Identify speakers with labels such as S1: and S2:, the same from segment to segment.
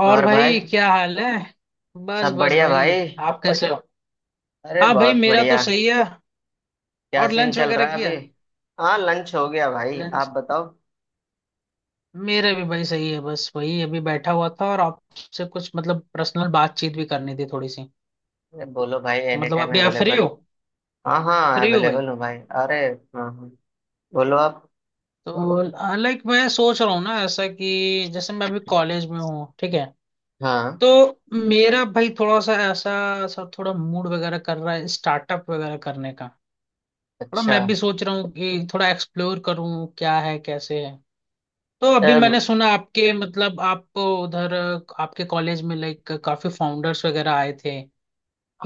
S1: और
S2: और भाई,
S1: भाई क्या हाल है? बस
S2: सब
S1: बस
S2: बढ़िया
S1: भाई।
S2: भाई।
S1: आप कैसे हो?
S2: अरे
S1: हाँ भाई,
S2: बहुत
S1: मेरा तो
S2: बढ़िया।
S1: सही है।
S2: क्या
S1: और
S2: सीन
S1: लंच
S2: चल
S1: वगैरह
S2: रहा है अभी?
S1: किया?
S2: हाँ, लंच हो गया भाई, आप
S1: लंच।
S2: बताओ।
S1: मेरा भी भाई सही है, बस वही अभी बैठा हुआ था और आपसे कुछ मतलब पर्सनल बातचीत भी करनी थी थोड़ी सी।
S2: अरे बोलो भाई,
S1: तो
S2: एनी
S1: मतलब
S2: टाइम
S1: अभी आप फ्री
S2: अवेलेबल।
S1: हो?
S2: हाँ हाँ,
S1: फ्री हो भाई?
S2: अवेलेबल हूँ भाई, अरे। हाँ हाँ, बोलो आप।
S1: तो लाइक मैं सोच रहा हूँ ना, ऐसा कि जैसे मैं अभी कॉलेज में हूँ, ठीक है?
S2: हाँ।
S1: तो मेरा भाई थोड़ा सा ऐसा सब थोड़ा मूड वगैरह कर रहा है स्टार्टअप वगैरह करने का। थोड़ा
S2: अच्छा।
S1: मैं भी सोच रहा हूँ कि थोड़ा एक्सप्लोर करूँ क्या है कैसे है। तो अभी मैंने
S2: अब,
S1: सुना आपके मतलब, आप उधर आपके कॉलेज में लाइक काफी फाउंडर्स वगैरह आए थे,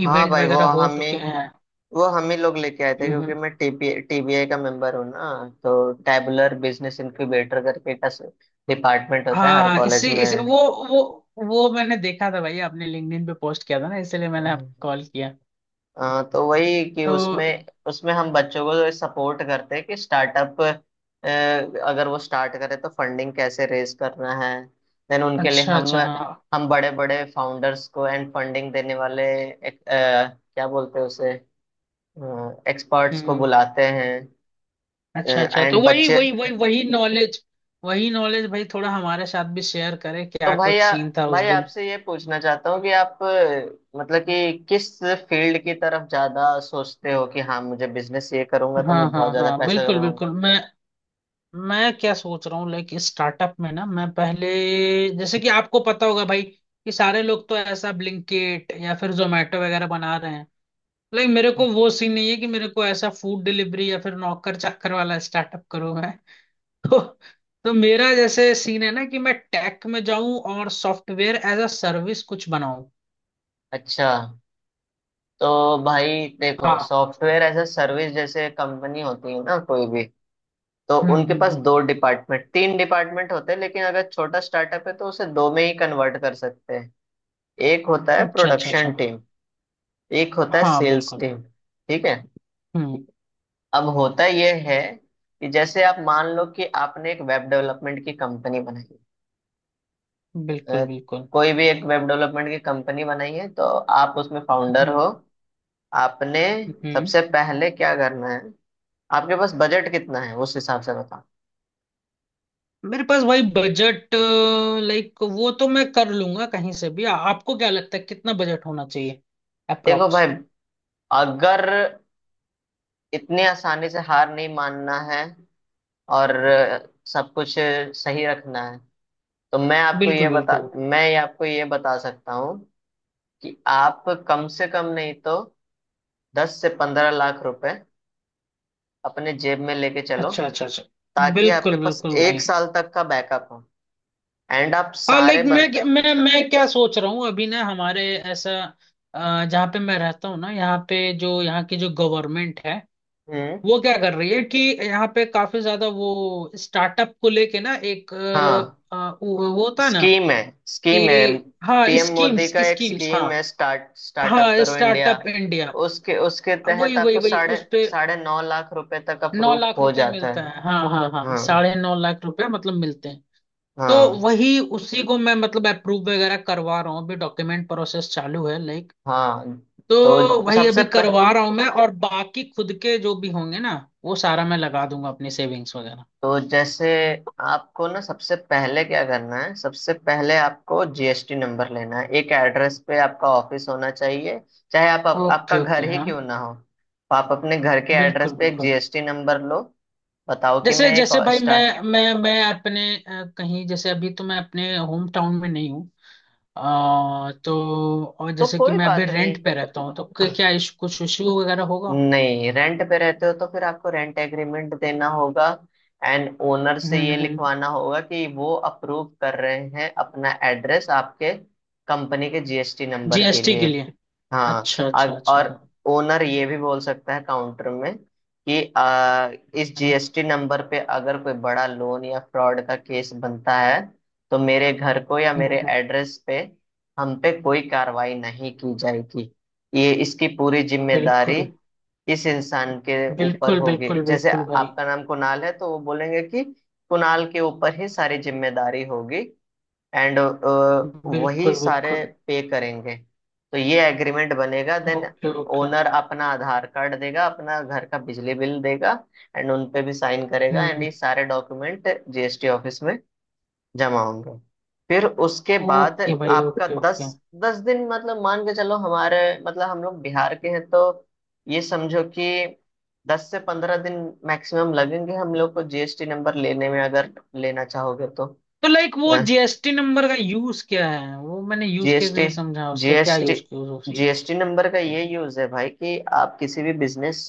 S2: हाँ
S1: इवेंट
S2: भाई वो
S1: वगैरह हो
S2: हम ही।
S1: चुके हैं।
S2: वो हम ही लोग लेके आए थे क्योंकि
S1: हम्म।
S2: मैं टीपी टीबीआई का मेंबर हूँ ना। तो टैबुलर बिजनेस इनक्यूबेटर करके का डिपार्टमेंट होता है
S1: हाँ
S2: हर
S1: हाँ,
S2: कॉलेज
S1: इससे
S2: में।
S1: इस वो, वो वो मैंने देखा था भाई, आपने लिंक्डइन पे पोस्ट किया था ना, इसलिए मैंने आपको कॉल किया।
S2: तो वही कि
S1: तो
S2: उसमें उसमें हम बच्चों को सपोर्ट करते हैं कि स्टार्टअप अगर वो स्टार्ट करे तो फंडिंग कैसे रेज करना है। देन उनके लिए
S1: अच्छा अच्छा, हाँ।
S2: हम बड़े बड़े फाउंडर्स को एंड फंडिंग देने वाले क्या बोलते हैं उसे, एक्सपर्ट्स को
S1: हम्म।
S2: बुलाते हैं।
S1: अच्छा अच्छा, तो
S2: एंड
S1: वही
S2: बच्चे।
S1: वही वही वही नॉलेज, वही नॉलेज भाई थोड़ा हमारे साथ भी शेयर करें,
S2: तो
S1: क्या
S2: भाई
S1: कुछ
S2: आ,
S1: सीन था उस
S2: भाई
S1: दिन?
S2: आपसे ये पूछना चाहता हूँ कि मतलब कि किस फील्ड की तरफ ज्यादा सोचते हो कि हाँ मुझे बिजनेस ये करूंगा तो
S1: हाँ
S2: मैं बहुत
S1: हाँ
S2: ज्यादा
S1: हाँ,
S2: पैसा
S1: बिल्कुल
S2: कमाऊंगा।
S1: बिल्कुल, मैं क्या सोच रहा हूँ लाइक स्टार्टअप में ना, मैं पहले, जैसे कि आपको पता होगा भाई, कि सारे लोग तो ऐसा ब्लिंकिट या फिर जोमेटो वगैरह बना रहे हैं। लाइक मेरे को वो सीन नहीं है कि मेरे को ऐसा फूड डिलीवरी या फिर नौकर चाकर वाला स्टार्टअप करूँ मैं तो तो मेरा जैसे सीन है ना कि मैं टेक में जाऊं और सॉफ्टवेयर एज अ सर्विस कुछ बनाऊं।
S2: अच्छा। तो भाई देखो,
S1: हाँ।
S2: सॉफ्टवेयर एज अ सर्विस जैसे कंपनी होती है ना कोई भी, तो उनके पास
S1: हम्म।
S2: दो डिपार्टमेंट तीन डिपार्टमेंट होते हैं, लेकिन अगर छोटा स्टार्टअप है तो उसे दो में ही कन्वर्ट कर सकते हैं। एक होता है
S1: अच्छा अच्छा
S2: प्रोडक्शन
S1: अच्छा,
S2: टीम, एक होता है
S1: हाँ।
S2: सेल्स
S1: बिल्कुल।
S2: टीम। ठीक है।
S1: हम्म।
S2: अब होता यह है कि जैसे आप मान लो कि आपने एक वेब डेवलपमेंट की कंपनी बनाई।
S1: बिल्कुल
S2: अ,
S1: बिल्कुल।
S2: कोई भी एक वेब डेवलपमेंट की कंपनी बनाई है तो आप उसमें फाउंडर हो।
S1: हम्म
S2: आपने
S1: हम्म।
S2: सबसे पहले क्या करना है, आपके पास बजट कितना है उस हिसाब से बताओ।
S1: मेरे पास भाई बजट, लाइक वो तो मैं कर लूंगा कहीं से भी। आपको क्या लगता है कितना बजट होना चाहिए?
S2: देखो भाई,
S1: अप्रोक्स।
S2: अगर इतने आसानी से हार नहीं मानना है और सब कुछ सही रखना है, तो
S1: बिल्कुल बिल्कुल।
S2: मैं ये आपको ये बता सकता हूँ कि आप कम से कम नहीं तो 10 से 15 लाख रुपए अपने जेब में लेके चलो,
S1: अच्छा अच्छा अच्छा।
S2: ताकि आपके
S1: बिल्कुल
S2: पास
S1: बिल्कुल
S2: एक
S1: भाई।
S2: साल तक का बैकअप हो। एंड आप
S1: हाँ लाइक
S2: सारे बन।
S1: मैं क्या सोच रहा हूँ अभी ना हमारे, ऐसा जहाँ पे मैं रहता हूँ ना, यहाँ पे जो यहाँ की जो गवर्नमेंट है
S2: हम्म।
S1: वो क्या कर रही है कि यहाँ पे काफी ज्यादा वो स्टार्टअप को लेके ना एक
S2: हाँ
S1: वो होता है ना?
S2: स्कीम है, स्कीम है।
S1: कि हाँ,
S2: पीएम मोदी
S1: स्कीम्स
S2: का एक
S1: स्कीम्स, हाँ।
S2: स्कीम है, स्टार्ट स्टार्टअप
S1: हाँ,
S2: करो इंडिया।
S1: Startup India.
S2: उसके उसके
S1: वही
S2: तहत
S1: वही
S2: आपको
S1: वही
S2: साढ़े
S1: उस पे
S2: 9.5 लाख रुपए तक
S1: नौ
S2: अप्रूव
S1: लाख
S2: हो
S1: रुपए
S2: जाता
S1: मिलता
S2: है।
S1: है, हाँ हाँ हाँ,
S2: हाँ
S1: 9.5 लाख रुपए मतलब मिलते हैं। तो
S2: हाँ।
S1: वही उसी को मैं मतलब अप्रूव वगैरह करवा रहा हूँ, अभी डॉक्यूमेंट प्रोसेस चालू है, लाइक।
S2: हाँ।
S1: तो
S2: तो
S1: वही
S2: सबसे
S1: अभी
S2: पह,
S1: करवा रहा हूँ मैं, और बाकी खुद के जो भी होंगे ना, वो सारा मैं लगा दूंगा अपनी सेविंग्स वगैरह।
S2: तो जैसे आपको ना, सबसे पहले क्या करना है, सबसे पहले आपको जीएसटी नंबर लेना है। एक एड्रेस पे आपका ऑफिस होना चाहिए, चाहे आप आपका
S1: ओके ओके,
S2: घर ही
S1: हाँ।
S2: क्यों ना हो। आप अपने घर के एड्रेस
S1: बिल्कुल
S2: पे एक
S1: बिल्कुल।
S2: जीएसटी नंबर लो। बताओ कि
S1: जैसे
S2: मैं एक
S1: जैसे
S2: और
S1: भाई
S2: स्टार्ट।
S1: मैं अपने कहीं जैसे, अभी तो मैं अपने होम टाउन में नहीं हूँ। तो और
S2: तो
S1: जैसे कि
S2: कोई
S1: मैं अभी
S2: बात नहीं।
S1: रेंट पे रहता हूँ तो क्या
S2: आह,
S1: क्या इशू, कुछ इशू वगैरह होगा?
S2: नहीं, रेंट पे रहते हो तो फिर आपको रेंट एग्रीमेंट देना होगा एंड ओनर से ये
S1: हम्म।
S2: लिखवाना होगा कि वो अप्रूव कर रहे हैं अपना एड्रेस आपके कंपनी के जीएसटी नंबर के
S1: जीएसटी
S2: लिए।
S1: के लिए।
S2: हाँ।
S1: अच्छा अच्छा अच्छा,
S2: और
S1: हाँ।
S2: ओनर ये भी बोल सकता है काउंटर में कि इस
S1: हम्म।
S2: जीएसटी नंबर पे अगर कोई बड़ा लोन या फ्रॉड का केस बनता है, तो मेरे घर को या मेरे
S1: हम्म।
S2: एड्रेस पे हम पे कोई कार्रवाई नहीं की जाएगी। ये इसकी पूरी जिम्मेदारी
S1: बिल्कुल।
S2: इस इंसान के ऊपर
S1: बिल्कुल
S2: होगी।
S1: बिल्कुल
S2: जैसे
S1: बिल्कुल भाई।
S2: आपका नाम कुणाल है तो वो बोलेंगे कि कुणाल के ऊपर ही सारी जिम्मेदारी होगी एंड वही
S1: बिल्कुल
S2: सारे
S1: बिल्कुल।
S2: पे करेंगे। तो ये एग्रीमेंट बनेगा। Then
S1: okay okay.
S2: ओनर अपना आधार कार्ड देगा, अपना घर का बिजली बिल देगा एंड उन पे भी साइन करेगा एंड
S1: हम्म।
S2: ये सारे डॉक्यूमेंट जीएसटी ऑफिस में जमा होंगे। फिर उसके बाद
S1: ओके भाई,
S2: आपका
S1: ओके
S2: दस,
S1: ओके।
S2: 10 दिन, मतलब मान के चलो, हमारे मतलब हम लोग बिहार के हैं तो ये समझो कि 10 से 15 दिन मैक्सिमम लगेंगे हम लोग को जीएसटी नंबर लेने में, अगर लेना चाहोगे तो।
S1: तो लाइक वो जीएसटी नंबर का यूज क्या है? वो मैंने यूज केस
S2: जीएसटी
S1: नहीं समझा, उसका क्या
S2: जीएसटी
S1: यूज केस होती?
S2: जीएसटी नंबर का ये यूज है भाई कि आप किसी भी बिजनेस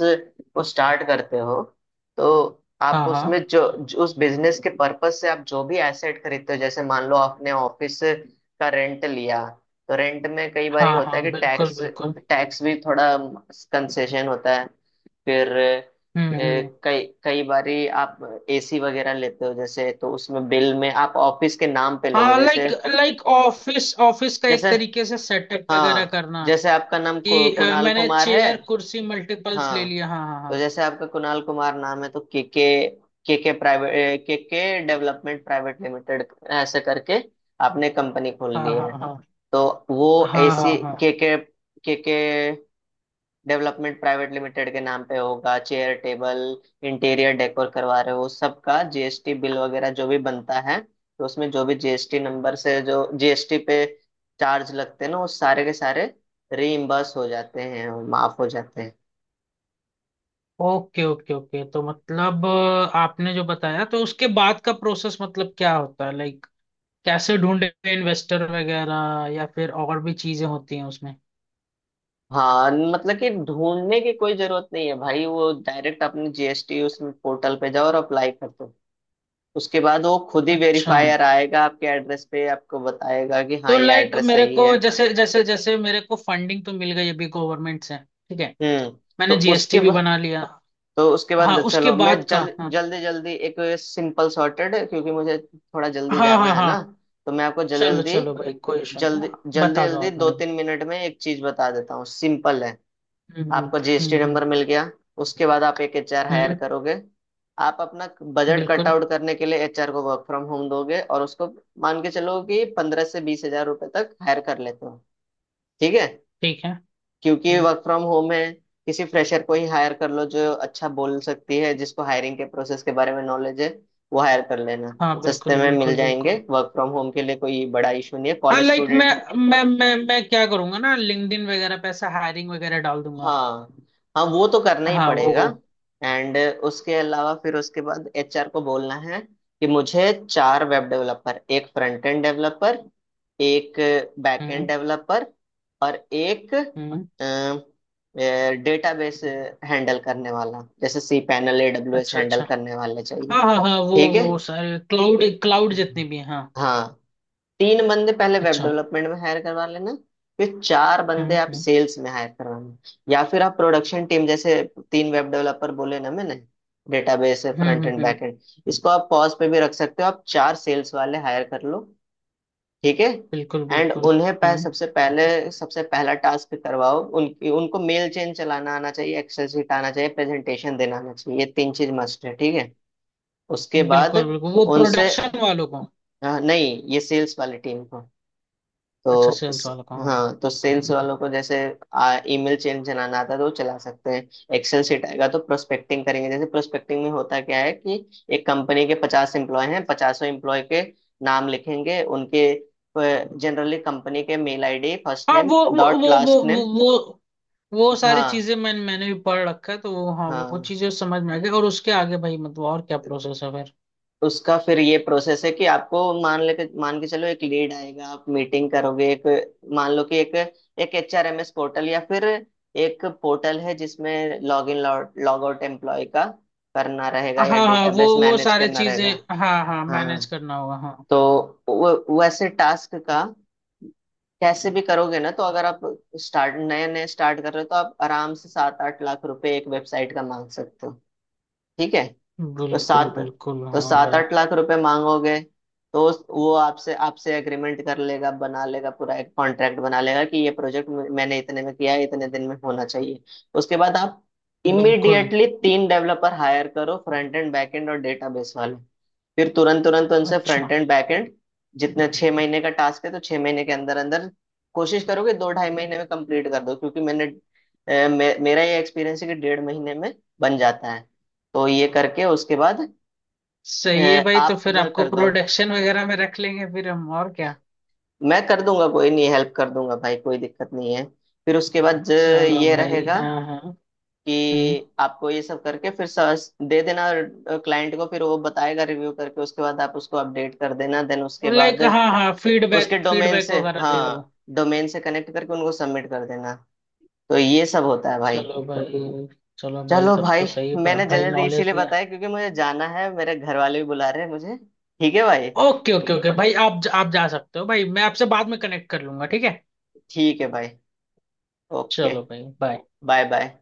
S2: को स्टार्ट करते हो तो आप
S1: हाँ हाँ
S2: उसमें जो उस बिजनेस के पर्पज से आप जो भी एसेट खरीदते हो, जैसे मान लो आपने ऑफिस का रेंट लिया तो रेंट में कई बार
S1: हाँ
S2: होता है
S1: हाँ,
S2: कि
S1: बिल्कुल
S2: टैक्स
S1: बिल्कुल।
S2: टैक्स भी थोड़ा कंसेशन होता है। फिर
S1: हम्म। हम्म।
S2: कई कई बारी आप एसी वगैरह लेते हो जैसे, तो उसमें बिल में आप ऑफिस के नाम पे लोगे।
S1: हाँ लाइक,
S2: जैसे
S1: ऑफिस ऑफिस का
S2: जैसे,
S1: एक तरीके से सेटअप वगैरह
S2: हाँ,
S1: करना,
S2: जैसे आपका नाम
S1: कि
S2: कुणाल
S1: मैंने
S2: कुमार है,
S1: चेयर कुर्सी मल्टीपल्स ले
S2: हाँ,
S1: लिया,
S2: तो
S1: हाँ।
S2: जैसे आपका कुणाल कुमार नाम है तो के, के प्राइवेट के डेवलपमेंट प्राइवेट लिमिटेड ऐसे करके आपने कंपनी खोल
S1: हाँ
S2: ली
S1: हाँ
S2: है
S1: हाँ हाँ।
S2: तो वो
S1: हाँ हाँ
S2: ऐसी
S1: हाँ हाँ
S2: के
S1: हाँ।
S2: के डेवलपमेंट प्राइवेट लिमिटेड के नाम पे होगा। चेयर टेबल इंटीरियर डेकोर करवा रहे हो, उस सब का जीएसटी बिल वगैरह जो भी बनता है तो उसमें जो भी जीएसटी नंबर से जो जीएसटी पे चार्ज लगते हैं ना, वो सारे के सारे रीइम्बर्स हो जाते हैं, माफ हो जाते हैं।
S1: ओके ओके ओके, तो मतलब आपने जो बताया तो उसके बाद का प्रोसेस मतलब क्या होता है लाइक? कैसे ढूंढे इन्वेस्टर वगैरह, या फिर और भी चीजें होती हैं उसमें?
S2: हाँ, मतलब कि ढूंढने की कोई जरूरत नहीं है भाई। वो डायरेक्ट अपने जीएसटी उसमें पोर्टल पे जाओ और अप्लाई कर दो। उसके बाद वो खुद ही
S1: अच्छा।
S2: वेरीफायर आएगा आपके एड्रेस पे, आपको बताएगा कि हाँ
S1: तो
S2: ये
S1: लाइक
S2: एड्रेस
S1: मेरे
S2: सही है।
S1: को जैसे जैसे जैसे मेरे को फंडिंग तो मिल गई अभी गवर्नमेंट से, ठीक है?
S2: हम्म। तो
S1: मैंने
S2: उसके
S1: जीएसटी भी
S2: बाद,
S1: बना लिया। हाँ, उसके
S2: चलो, मैं
S1: बाद का,
S2: जल
S1: हाँ।
S2: जल्दी जल्दी एक सिंपल सॉर्टेड, क्योंकि मुझे थोड़ा जल्दी
S1: हाँ
S2: जाना
S1: हाँ
S2: है ना,
S1: हाँ।
S2: तो मैं आपको जल्दी
S1: चलो
S2: जल्दी,
S1: चलो भाई, कोई इशू नहीं।
S2: जल्दी,
S1: हाँ,
S2: जल्दी
S1: बता दो
S2: जल्दी
S1: आप
S2: दो
S1: मेरे को।
S2: तीन मिनट में एक चीज बता देता हूँ, सिंपल है। आपको जीएसटी नंबर
S1: हम्म।
S2: मिल गया, उसके बाद आप एक एचआर हायर
S1: हम्म।
S2: करोगे। आप अपना बजट कट
S1: बिल्कुल।
S2: आउट करने के लिए एचआर को वर्क फ्रॉम होम दोगे और उसको मान के चलो कि 15 से 20 हजार रुपए तक हायर कर लेते हो। ठीक है,
S1: ठीक है।
S2: क्योंकि
S1: हम्म।
S2: वर्क फ्रॉम होम है। किसी फ्रेशर को ही हायर कर लो जो अच्छा बोल सकती है, जिसको हायरिंग के प्रोसेस के बारे में नॉलेज है, वो हायर कर लेना।
S1: हाँ
S2: सस्ते
S1: बिल्कुल
S2: में मिल
S1: बिल्कुल
S2: जाएंगे,
S1: बिल्कुल।
S2: वर्क फ्रॉम होम के लिए कोई बड़ा इशू नहीं है,
S1: हाँ
S2: कॉलेज
S1: लाइक मैं,
S2: स्टूडेंट।
S1: मैं क्या करूंगा ना लिंक्डइन वगैरह पे ऐसा हायरिंग वगैरह डाल दूंगा।
S2: हाँ हाँ, वो तो करना ही
S1: हाँ वो।
S2: पड़ेगा। एंड उसके अलावा फिर उसके बाद एचआर को बोलना है कि मुझे 4 वेब डेवलपर, एक फ्रंट एंड डेवलपर, एक बैक एंड
S1: हम्म।
S2: डेवलपर और एक
S1: हम्म।
S2: डेटाबेस हैंडल करने वाला, जैसे सी पैनल एडब्ल्यूएस
S1: अच्छा
S2: हैंडल
S1: अच्छा।
S2: करने वाले चाहिए।
S1: हाँ हाँ हाँ वो
S2: ठीक है।
S1: वो सारे क्लाउड क्लाउड जितने
S2: हम्म।
S1: भी हैं, हाँ।
S2: हाँ, 3 बंदे पहले वेब
S1: अच्छा।
S2: डेवलपमेंट में हायर करवा लेना, फिर चार
S1: हम्म
S2: बंदे आप
S1: हम्म
S2: सेल्स में हायर करवाना। या फिर आप प्रोडक्शन टीम, जैसे 3 वेब डेवलपर बोले ना मैंने, डेटाबेस है,
S1: hmm.
S2: Front end,
S1: hmm.
S2: Back end, इसको आप पॉज पे भी रख सकते हो, आप 4 सेल्स वाले हायर कर लो। ठीक है।
S1: बिल्कुल
S2: एंड
S1: बिल्कुल। हम्म।
S2: सबसे पहले, सबसे पहला टास्क करवाओ उनकी, उनको मेल चेन चलाना आना चाहिए, एक्सेल शीट आना चाहिए, प्रेजेंटेशन देना आना चाहिए, ये 3 चीज मस्ट है। ठीक है। उसके बाद
S1: बिल्कुल बिल्कुल वो
S2: उनसे
S1: प्रोडक्शन वालों को।
S2: नहीं, ये सेल्स वाली टीम को।
S1: अच्छा,
S2: तो
S1: सेल्स
S2: इस-
S1: वालों को, हाँ।
S2: हाँ, तो सेल्स वालों को जैसे ईमेल चेन चलाना आता है तो वो चला सकते हैं। एक्सेल सीट आएगा तो प्रोस्पेक्टिंग करेंगे, जैसे प्रोस्पेक्टिंग में होता क्या है कि एक कंपनी के 50 एम्प्लॉय हैं, पचासों एम्प्लॉय के नाम लिखेंगे, उनके जनरली कंपनी के मेल आईडी, फर्स्ट
S1: हाँ
S2: नेम
S1: वो वो
S2: डॉट
S1: वो वो
S2: लास्ट नेम।
S1: वो वो वो सारी
S2: हाँ।
S1: चीजें मैंने मैंने भी पढ़ रखा है तो वो, हाँ वो
S2: हाँ।
S1: चीजें समझ में आ गई। और उसके आगे भाई मतलब और क्या प्रोसेस है फिर?
S2: उसका फिर ये प्रोसेस है कि आपको मान के चलो एक लीड आएगा, आप मीटिंग करोगे, एक, मान लो कि एक एक HRMS पोर्टल या फिर एक पोर्टल है जिसमें log in log out employee का करना रहेगा या
S1: हाँ हाँ वो
S2: डेटाबेस
S1: वो
S2: मैनेज
S1: सारी
S2: करना
S1: चीजें,
S2: रहेगा।
S1: हाँ हाँ
S2: हाँ
S1: मैनेज
S2: हाँ।
S1: करना होगा, हाँ।
S2: तो वो, वैसे टास्क का कैसे भी करोगे ना, तो अगर आप स्टार्ट नए नए स्टार्ट कर रहे हो तो आप आराम से 7-8 लाख रुपए एक वेबसाइट का मांग सकते हो। ठीक है। तो
S1: बिल्कुल
S2: सात
S1: बिल्कुल,
S2: तो
S1: हाँ
S2: सात
S1: भाई।
S2: आठ लाख रुपए मांगोगे तो वो आपसे आपसे एग्रीमेंट कर लेगा, बना लेगा, पूरा एक कॉन्ट्रैक्ट बना लेगा कि ये प्रोजेक्ट मैंने इतने में किया है, इतने दिन में होना चाहिए। उसके बाद आप
S1: बिल्कुल।
S2: इमीडिएटली 3 डेवलपर हायर करो, फ्रंट एंड बैक एंड और डेटाबेस वाले। फिर तुरंत तुरंत उनसे फ्रंट
S1: अच्छा।
S2: एंड बैक एंड, जितने 6 महीने का टास्क है तो 6 महीने के अंदर अंदर कोशिश करोगे 2-2.5 महीने में कंप्लीट कर दो, क्योंकि मैंने मेरा ये एक्सपीरियंस है कि 1.5 महीने में बन जाता है। तो ये करके उसके बाद
S1: सही है
S2: हैं,
S1: भाई, तो
S2: आप
S1: फिर
S2: बर
S1: आपको
S2: कर दो,
S1: प्रोडक्शन वगैरह में रख लेंगे फिर हम, और क्या?
S2: मैं कर दूंगा, कोई नहीं, हेल्प कर दूंगा भाई, कोई दिक्कत नहीं है। फिर उसके बाद
S1: चलो
S2: ये
S1: भाई,
S2: रहेगा
S1: हाँ हाँ। हम्म।
S2: कि आपको ये सब करके फिर सर्च दे देना क्लाइंट को। फिर वो बताएगा, रिव्यू करके उसके बाद आप उसको अपडेट कर देना। देन उसके बाद
S1: लाइक हाँ हाँ,
S2: उसके
S1: फीडबैक
S2: डोमेन
S1: फीडबैक
S2: से,
S1: वगैरह देगा
S2: हाँ,
S1: वो।
S2: डोमेन से कनेक्ट करके उनको सबमिट कर देना। तो ये सब होता है भाई।
S1: चलो भाई। चलो भाई
S2: चलो
S1: सब
S2: भाई,
S1: तो सही,
S2: मैंने
S1: भाई
S2: जल्दी
S1: नॉलेज
S2: इसीलिए
S1: दिया।
S2: बताया क्योंकि मुझे जाना है, मेरे घर वाले भी बुला रहे हैं मुझे। ठीक है भाई।
S1: ओके ओके ओके भाई, आप जा सकते हो भाई, मैं आपसे बाद में कनेक्ट कर लूंगा, ठीक है?
S2: ठीक है भाई। ओके।
S1: चलो भाई, बाय।
S2: Bye bye.